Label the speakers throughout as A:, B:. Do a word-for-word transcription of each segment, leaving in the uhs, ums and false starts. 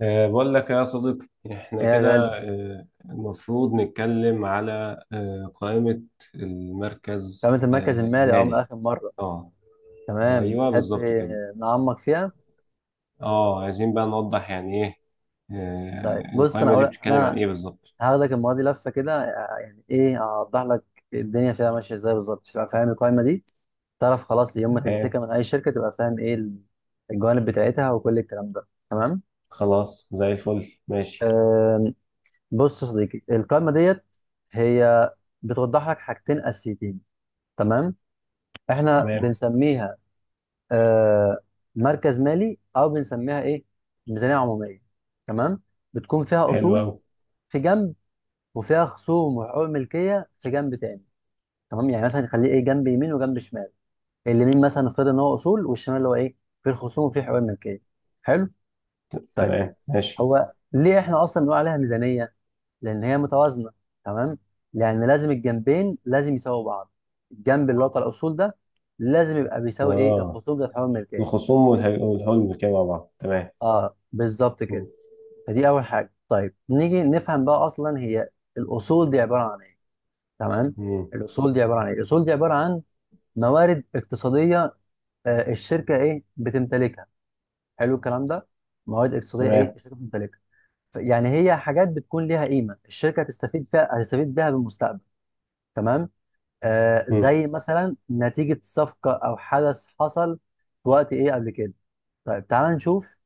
A: أه، بقول لك يا صديقي احنا
B: ايه يا
A: كده.
B: غالي.
A: أه، المفروض نتكلم على أه، قائمة المركز
B: قائمة المركز
A: أه،
B: المالي اه من
A: المالي.
B: آخر مرة.
A: اه،
B: تمام،
A: ايوه
B: تحب
A: بالظبط كده.
B: نعمق فيها؟
A: اه، عايزين بقى نوضح يعني ايه
B: طيب
A: أه،
B: بص، أنا
A: القائمة
B: أقول
A: دي بتتكلم
B: أنا
A: عن ايه بالظبط.
B: هاخدك المرة دي لفة كده، يعني إيه. أوضح لك الدنيا فيها ماشية إزاي بالظبط، تبقى فاهم القائمة دي، تعرف خلاص يوم ما
A: تمام،
B: تمسكها من أي شركة تبقى فاهم إيه ال- الجوانب بتاعتها وكل الكلام ده. تمام.
A: خلاص زي الفل ماشي.
B: أم، بص يا صديقي، القائمة ديت هي بتوضح لك حاجتين أساسيتين. تمام، إحنا
A: تمام،
B: بنسميها آه، مركز مالي او بنسميها ايه، ميزانيه عموميه. تمام، بتكون فيها
A: حلو
B: اصول
A: قوي.
B: في جنب، وفيها خصوم وحقوق ملكيه في جنب تاني. تمام، يعني مثلا نخليه ايه، جنب يمين وجنب شمال، اليمين مثلا نفترض ان هو اصول، والشمال اللي هو ايه، في الخصوم وفي حقوق الملكيه. حلو. طيب،
A: تمام ماشي.
B: هو ليه احنا اصلا بنقول عليها ميزانيه؟ لان هي متوازنه. تمام، لان لازم الجنبين لازم يساووا بعض. الجنب اللي هو بتاع الاصول ده لازم يبقى بيساوي ايه،
A: اه،
B: الخصوم بتاع حقوق الملكيه.
A: الخصوم والح- والحلم كده مع بعض تمام.
B: اه بالظبط كده.
A: مم.
B: فدي اول حاجه. طيب، نيجي نفهم بقى اصلا هي الاصول دي عباره عن ايه. تمام.
A: مم.
B: الاصول دي عباره عن ايه؟ الاصول دي عباره عن موارد اقتصاديه، آه، الشركه ايه بتمتلكها. حلو الكلام ده. موارد اقتصاديه ايه
A: تمام.
B: الشركه بتمتلكها، ف- يعني هي حاجات بتكون ليها قيمه، الشركه هتستفيد فيها، هتستفيد بيها بالمستقبل. تمام. آه
A: مم.
B: زي مثلا نتيجه صفقه او حدث حصل في وقت ايه قبل كده. طيب تعال نشوف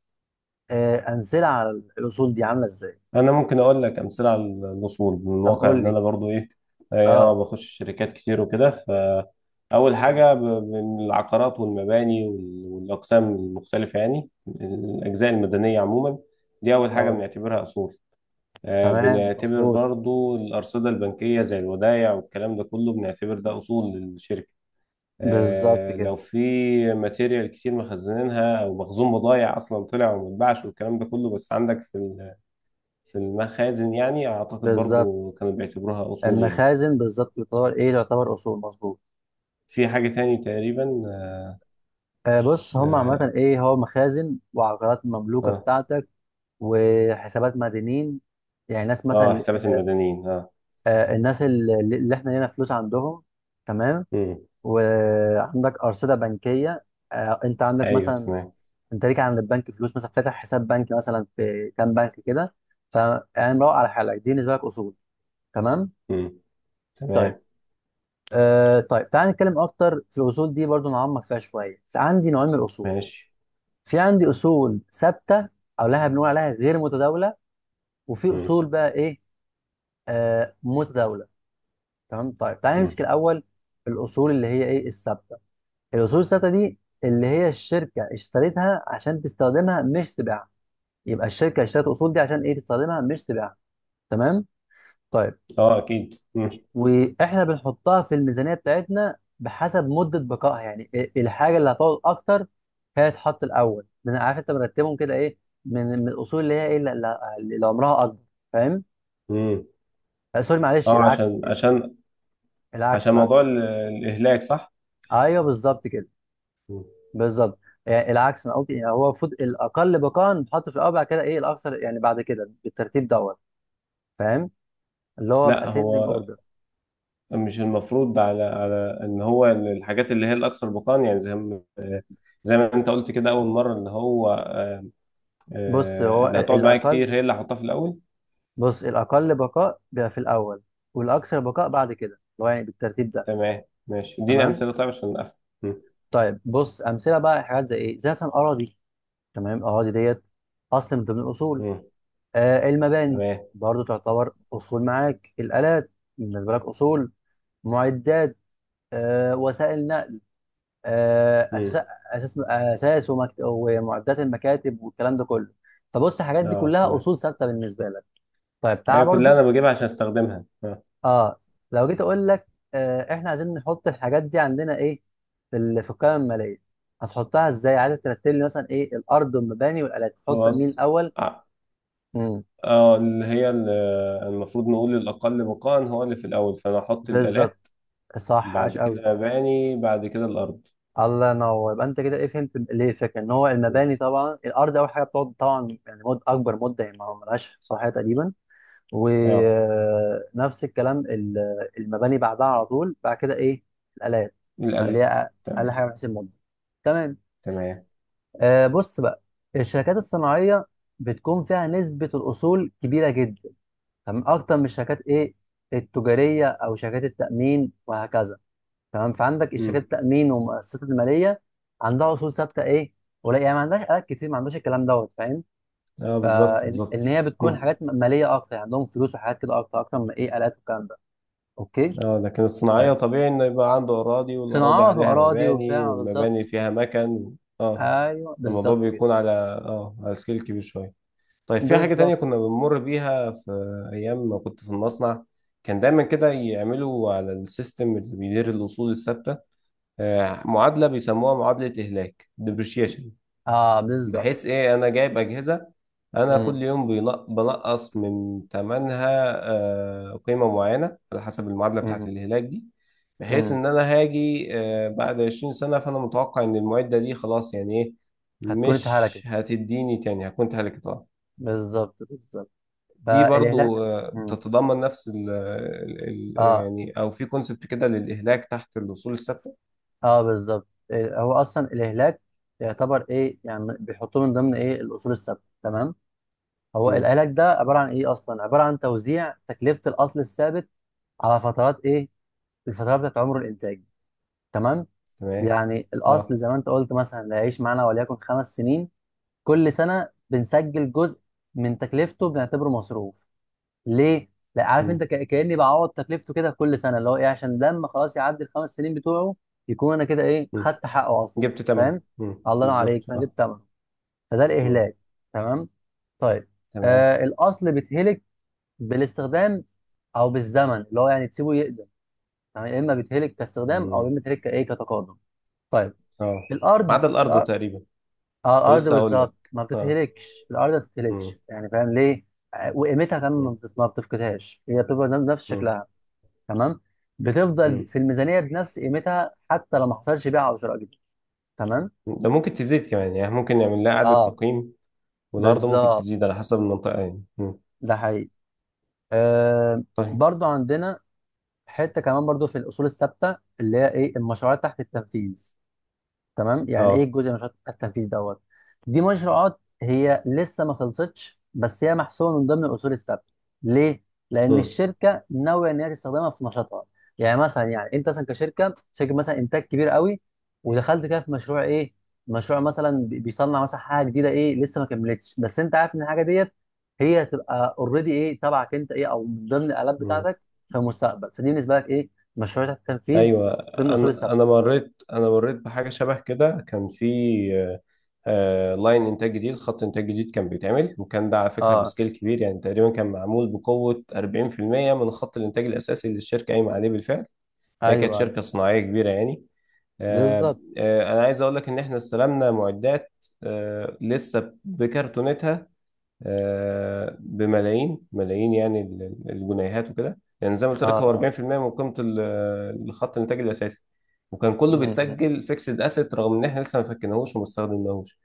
B: آه امثله على الاصول دي عامله ازاي.
A: انا ممكن اقول لك امثله على الوصول من
B: طب
A: واقع
B: قول
A: ان
B: لي.
A: انا برضو ايه. إيه، اه،
B: اه،
A: بخش شركات كتير وكده، فاول
B: اه،
A: حاجه ب- من العقارات والمباني وال- والاقسام المختلفه، يعني الاجزاء المدنيه عموما. دي اول حاجه
B: اه.
A: بنعتبرها اصول. آه،
B: تمام
A: بنعتبر
B: مظبوط،
A: برضو الارصده البنكيه زي الودايع والكلام ده كله، بنعتبر ده اصول للشركه.
B: بالظبط
A: آه،
B: كده.
A: لو في ماتيريال كتير مخزنينها او مخزون بضايع اصلا طلع وما اتباعش والكلام ده كله، بس عندك في في المخازن، يعني أعتقد
B: بالظبط.
A: برضو كانوا بيعتبروها أصول يعني.
B: المخازن بالظبط يعتبر ايه، تعتبر اصول، مظبوط.
A: في حاجة تاني تقريبا.
B: آه بص هم
A: آه.
B: عامه ايه، هو مخازن وعقارات مملوكه
A: آه,
B: بتاعتك، وحسابات مدينين، يعني ناس
A: آه
B: مثلا،
A: حسابات
B: آه
A: المدنيين آه.
B: آه، الناس اللي, اللي احنا لينا فلوس عندهم. تمام.
A: مم.
B: وعندك ارصده بنكيه. آه انت عندك
A: أيوه
B: مثلا،
A: تمام.
B: انت ليك عند البنك فلوس، مثلا فاتح حساب بنكي مثلا في كام بنك كده، فيعني مروق على حالك. دي بالنسبه لك اصول. تمام.
A: مم.
B: طيب،
A: تمام
B: آه طيب تعال نتكلم اكتر في الاصول دي، برضو نعمق فيها شويه. فعندي نوعين من الاصول،
A: ماشي.
B: في عندي اصول ثابته او لها بنقول عليها غير متداوله، وفي
A: مم.
B: اصول بقى ايه، آه متداوله. تمام. طيب تعال
A: مم.
B: نمسك الاول الاصول اللي هي ايه، الثابته. الاصول الثابته دي اللي هي الشركه اشتريتها عشان تستخدمها مش تبيعها. يبقى الشركه اشترت الاصول دي عشان ايه، تستخدمها مش تبيعها. تمام. طيب،
A: آه أكيد. مم.
B: واحنا بنحطها في الميزانيه بتاعتنا بحسب مده بقائها، يعني ال- الحاجه اللي هتقعد اكتر هي تتحط الاول، من عارف انت مرتبهم كده ايه، من من الاصول اللي هي ايه، اللي, اللي اللي عمرها اكبر، فاهم.
A: مم.
B: آه، سوري معلش،
A: آه،
B: العكس،
A: عشان عشان
B: العكس
A: عشان موضوع
B: العكس.
A: ال- الإهلاك، صح؟
B: ايوه بالظبط كده،
A: مم.
B: بالظبط. يعني العكس، انا قلت يعني هو المفروض الاقل بقاء بتحط في الاول، بعد كده ايه الاكثر، يعني بعد كده بالترتيب دوت، فاهم؟ اللي هو
A: لا،
B: باسcending
A: هو
B: اوردر.
A: مش المفروض على على ان هو الحاجات اللي هي الاكثر بقاء، يعني زي ما زي ما انت قلت كده اول مره، اللي هو
B: بص
A: آه،
B: هو
A: اللي
B: ال-
A: هتقعد معايا
B: الاقل،
A: كتير هي اللي هحطها في الاول.
B: بص الأقل بقاء بيبقى في الأول، والأكثر بقاء بعد كده اللي هو يعني بالترتيب ده.
A: تمام ماشي، اديني
B: تمام.
A: امثله طيب عشان افهم. مم.
B: طيب بص، أمثلة بقى حاجات زي إيه، زي مثلا أراضي. تمام، الأراضي ديت أصل من ضمن الأصول.
A: مم.
B: آه المباني
A: تمام.
B: برضو تعتبر أصول، معاك الآلات، بالنسبة لك أصول، معدات، آه وسائل نقل، آه
A: مم.
B: أساس أساس أساس ومكت- ومعدات المكاتب والكلام ده كله. فبص الحاجات دي
A: اه
B: كلها
A: تمام.
B: أصول ثابتة بالنسبة لك. طيب تعال
A: هي كلها
B: برضو،
A: انا بجيبها عشان استخدمها آه.
B: اه لو جيت اقول لك آه احنا عايزين نحط الحاجات دي عندنا ايه، في ال- في القائمه الماليه. هتحطها ازاي، عايز ترتب لي مثلا ايه، الارض والمباني والالات تحط مين
A: خلاص.
B: الاول.
A: اه.
B: امم
A: آه، اللي هي ال- المفروض نقول الاقل بقاء هو اللي في الاول، فانا احط الالات
B: بالظبط، صح،
A: بعد
B: عاش قوي.
A: كده مباني بعد كده الارض.
B: الله ينور، يبقى انت كده ايه فهمت ليه الفكره ان هو
A: مم.
B: المباني طبعا، الارض اول حاجه بتقعد طبعا، يعني مد اكبر مده، يعني ما ملهاش صحيح تقريبا.
A: اه
B: ونفس الكلام ال- المباني بعدها على طول. بعد كده ايه، الالات، اللي
A: الالات.
B: هي اقل
A: تمام.
B: حاجه بحيث المده. تمام.
A: تمام.
B: آه بص بقى، الشركات الصناعية بتكون فيها نسبة الأصول كبيرة جدا. تمام، أكتر من الشركات إيه، التجارية أو شركات التأمين وهكذا. تمام، فعندك الشركات
A: مم.
B: التأمين والمؤسسات المالية، عندها أصول ثابتة إيه، ولا يعني ما عندهاش آلات كتير، ما عندهاش الكلام دوت، فاهم.
A: اه بالظبط
B: فإن
A: بالظبط.
B: هي بتكون
A: مم.
B: حاجات م- مالية أكتر، يعني عندهم فلوس وحاجات كده أكتر أكتر من إيه، آلات والكلام ده. أوكي.
A: اه، لكن الصناعيه
B: طيب،
A: طبيعي انه يبقى عنده اراضي والاراضي
B: صناعات
A: عليها
B: وأراضي
A: مباني
B: وبتاع،
A: والمباني
B: بالظبط.
A: فيها مكن. اه،
B: أيوه
A: الموضوع
B: بالظبط كده،
A: بيكون على اه على سكيل كبير شوية. طيب، في حاجة تانية
B: بالظبط.
A: كنا بنمر بيها في أيام ما كنت في المصنع، كان دايما كده يعملوا على السيستم اللي بيدير الأصول الثابتة. آه، معادلة بيسموها معادلة إهلاك depreciation.
B: أه بالظبط.
A: بحيث ايه، انا جايب اجهزه، انا كل يوم بينق- بنقص من ثمنها آه، قيمه معينه على حسب المعادله بتاعه الهلاك دي. بحيث
B: امم
A: ان انا هاجي آه، بعد عشرين سنة سنه فانا متوقع ان المعده دي خلاص يعني ايه،
B: هتكون
A: مش
B: اتهلكت.
A: هتديني تاني، هكون هلكتها.
B: بالظبط، بالظبط.
A: دي
B: فالإهلاك.
A: برضو آه،
B: مم.
A: بتتضمن نفس ال ال- ال-
B: اه،
A: يعني، او في كونسبت كده للاهلاك تحت الاصول الثابته.
B: اه. بالظبط. إيه، هو أصلا الإهلاك يعتبر إيه، يعني بيحطوه من ضمن إيه، الأصول الثابتة. تمام. هو
A: مم،
B: الإهلاك ده عبارة عن إيه أصلا، عبارة عن توزيع تكلفة الأصل الثابت على فترات إيه، الفترات بتاعت عمر الإنتاج. تمام.
A: تمام.
B: يعني الأصل
A: اه.
B: زي ما أنت قلت مثلا، اللي هيعيش معانا وليكن خمس سنين. كل سنة بنسجل جزء من تكلفته بنعتبره مصروف. ليه؟ لا عارف انت
A: مم،
B: ك- كاني بعوض تكلفته كده كل سنه، اللي هو ايه، عشان لما خلاص يعدي الخمس سنين بتوعه يكون انا كده ايه،
A: مم.
B: خدت حقه اصلا،
A: جبت تمن.
B: فاهم؟
A: مم،
B: الله ينور عليك.
A: بالظبط
B: فانا
A: اه.
B: جبت ثمنه، فده
A: مم.
B: الاهلاك. تمام؟ طيب.
A: تمام.
B: آه الاصل بيتهلك بالاستخدام، او بالزمن اللي هو يعني تسيبه يقدم، يعني يا اما بيتهلك كاستخدام، او يا
A: مم.
B: اما بيتهلك كايه، كتقادم. طيب.
A: اه ما
B: الارض
A: عدا الارض
B: الارض,
A: تقريبا.
B: آه
A: انا
B: الأرض
A: لسه هقول لك.
B: بالظبط ما
A: اه.
B: بتتهلكش، الارض ما
A: مم.
B: بتتهلكش، يعني فاهم ليه؟ آه، وقيمتها كمان ما
A: مم.
B: بتت- ما بتفقدهاش، هي بتبقى نفس
A: مم.
B: شكلها. تمام. بتفضل
A: مم.
B: في الميزانيه بنفس قيمتها حتى لو ما حصلش بيع او شراء جديد. تمام.
A: ده ممكن تزيد كمان، يعني ممكن نعمل لها اعاده
B: اه
A: تقييم، والارض ممكن
B: بالظبط،
A: تزيد على حسب المنطقه يعني. مم.
B: ده حقيقي. آه
A: طيب.
B: برضو عندنا حته كمان برضو في الاصول الثابته اللي هي ايه، المشروعات تحت التنفيذ. تمام، يعني ايه،
A: اه.
B: الجزء من مشروع التنفيذ دوت. دي مشروعات هي لسه ما خلصتش، بس هي محسوبه من ضمن الاصول الثابته. ليه؟ لان
A: مم.
B: الشركه ناويه ان هي تستخدمها في نشاطها. يعني مثلا، يعني انت مثلا كشركه شركه مثلا انتاج كبير قوي، ودخلت كده في مشروع ايه، مشروع مثلا بي- بيصنع مثلا حاجه جديده ايه، لسه ما كملتش، بس انت عارف ان الحاجه ديت هي هتبقى اوريدي ايه، تبعك انت ايه، او من ضمن الالات
A: مم.
B: بتاعتك في المستقبل. فدي بالنسبه لك ايه، مشروع تحت التنفيذ،
A: ايوه
B: ضمن الاصول
A: انا
B: الثابته.
A: انا مريت انا مريت بحاجه شبه كده. كان في آه، آه، لاين انتاج جديد، خط انتاج جديد كان بيتعمل، وكان ده على فكره
B: اه،
A: بسكيل كبير يعني. تقريبا كان معمول بقوه أربعين في المية من خط الانتاج الاساسي اللي الشركه قايمه عليه بالفعل. هي كانت
B: ايوه، أيوه.
A: شركه صناعيه كبيره يعني. آه،
B: بالظبط،
A: آه، انا عايز اقول لك ان احنا استلمنا معدات آه، لسه بكرتونتها آه، بملايين ملايين يعني ال- ال- الجنيهات وكده، يعني زي ما قلت
B: اه،
A: لك هو
B: اه،
A: أربعين في المية من قيمه ال- الخط الانتاج الاساسي. وكان كله
B: م- م.
A: بيتسجل فيكسد اسيت رغم ان احنا لسه ما فكناهوش وما استخدمناهوش.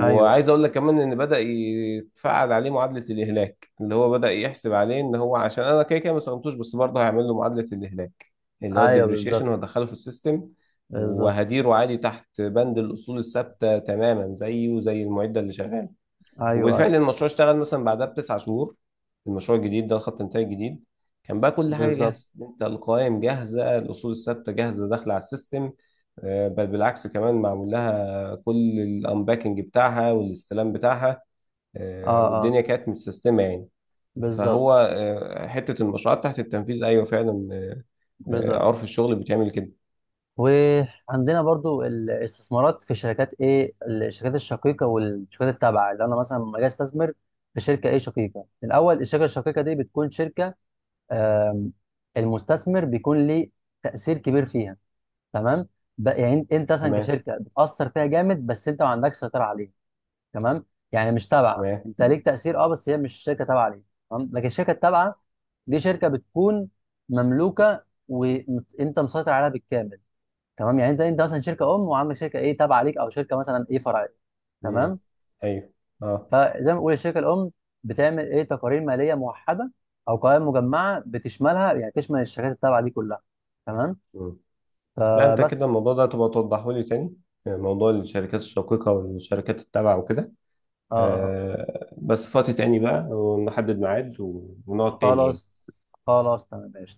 B: ايوه،
A: اقول لك كمان ان بدأ يتفعل عليه معادلة الاهلاك، اللي هو بدأ يحسب عليه، ان هو عشان انا كده كده ما استخدمتوش، بس برضه هيعمل له معادلة الاهلاك اللي هو
B: ايوه،
A: الديبريشيشن،
B: بالظبط،
A: وهدخله في السيستم
B: بالظبط.
A: وهديره عادي تحت بند الاصول الثابتة تماما زيه زي المعدة اللي شغالة.
B: ايوه، ايوه،
A: وبالفعل المشروع اشتغل مثلا بعدها بتسع شهور، المشروع الجديد ده، الخط الانتاج الجديد. كان بقى كل حاجه
B: بالظبط.
A: جاهزه، انت القوائم جاهزه، الاصول الثابته جاهزه داخله على السيستم. آه، بل بالعكس، كمان معمول لها كل الانباكنج بتاعها والاستلام بتاعها آه،
B: اه، اه،
A: والدنيا كانت متسيستمه يعني.
B: بالظبط،
A: فهو آه، حته المشروعات تحت التنفيذ ايوه فعلا آه،
B: بالظبط.
A: عرف الشغل بتعمل كده.
B: وعندنا برضو الاستثمارات في شركات ايه، الشركات الشقيقه والشركات التابعه، اللي انا مثلا لما اجي استثمر في شركه ايه، شقيقه الاول. الشركه الشقيقه دي بتكون شركه، آم، المستثمر بيكون ليه تاثير كبير فيها. تمام، ب- يعني انت مثلا
A: تمام
B: كشركه بتاثر فيها جامد بس انت ما عندكش سيطره عليها. تمام، يعني مش تابعه،
A: تمام.
B: انت ليك تاثير اه بس هي مش شركه تابعه ليك. تمام، لكن الشركه التابعه دي شركه بتكون مملوكه وانت مسيطر عليها بالكامل. تمام، يعني انت انت مثلا شركه ام وعندك شركه ايه، تابعه ليك او شركه مثلا ايه، فرعيه.
A: مم.
B: تمام،
A: ايوه. اه.
B: فزي ما بقول الشركه الام بتعمل ايه، تقارير ماليه موحده او قوائم مجمعه بتشملها، يعني تشمل الشركات التابعه دي كلها. تمام.
A: مم. لا، انت كده
B: فبس
A: الموضوع ده تبقى توضحه لي تاني، آه، موضوع الشركات الشقيقة والشركات التابعة وكده.
B: آه آه.
A: آه، بس فاتي تاني بقى ونحدد ميعاد
B: آه،
A: ونقعد تاني يعني.
B: خلاص خلاص، تمام ماشي.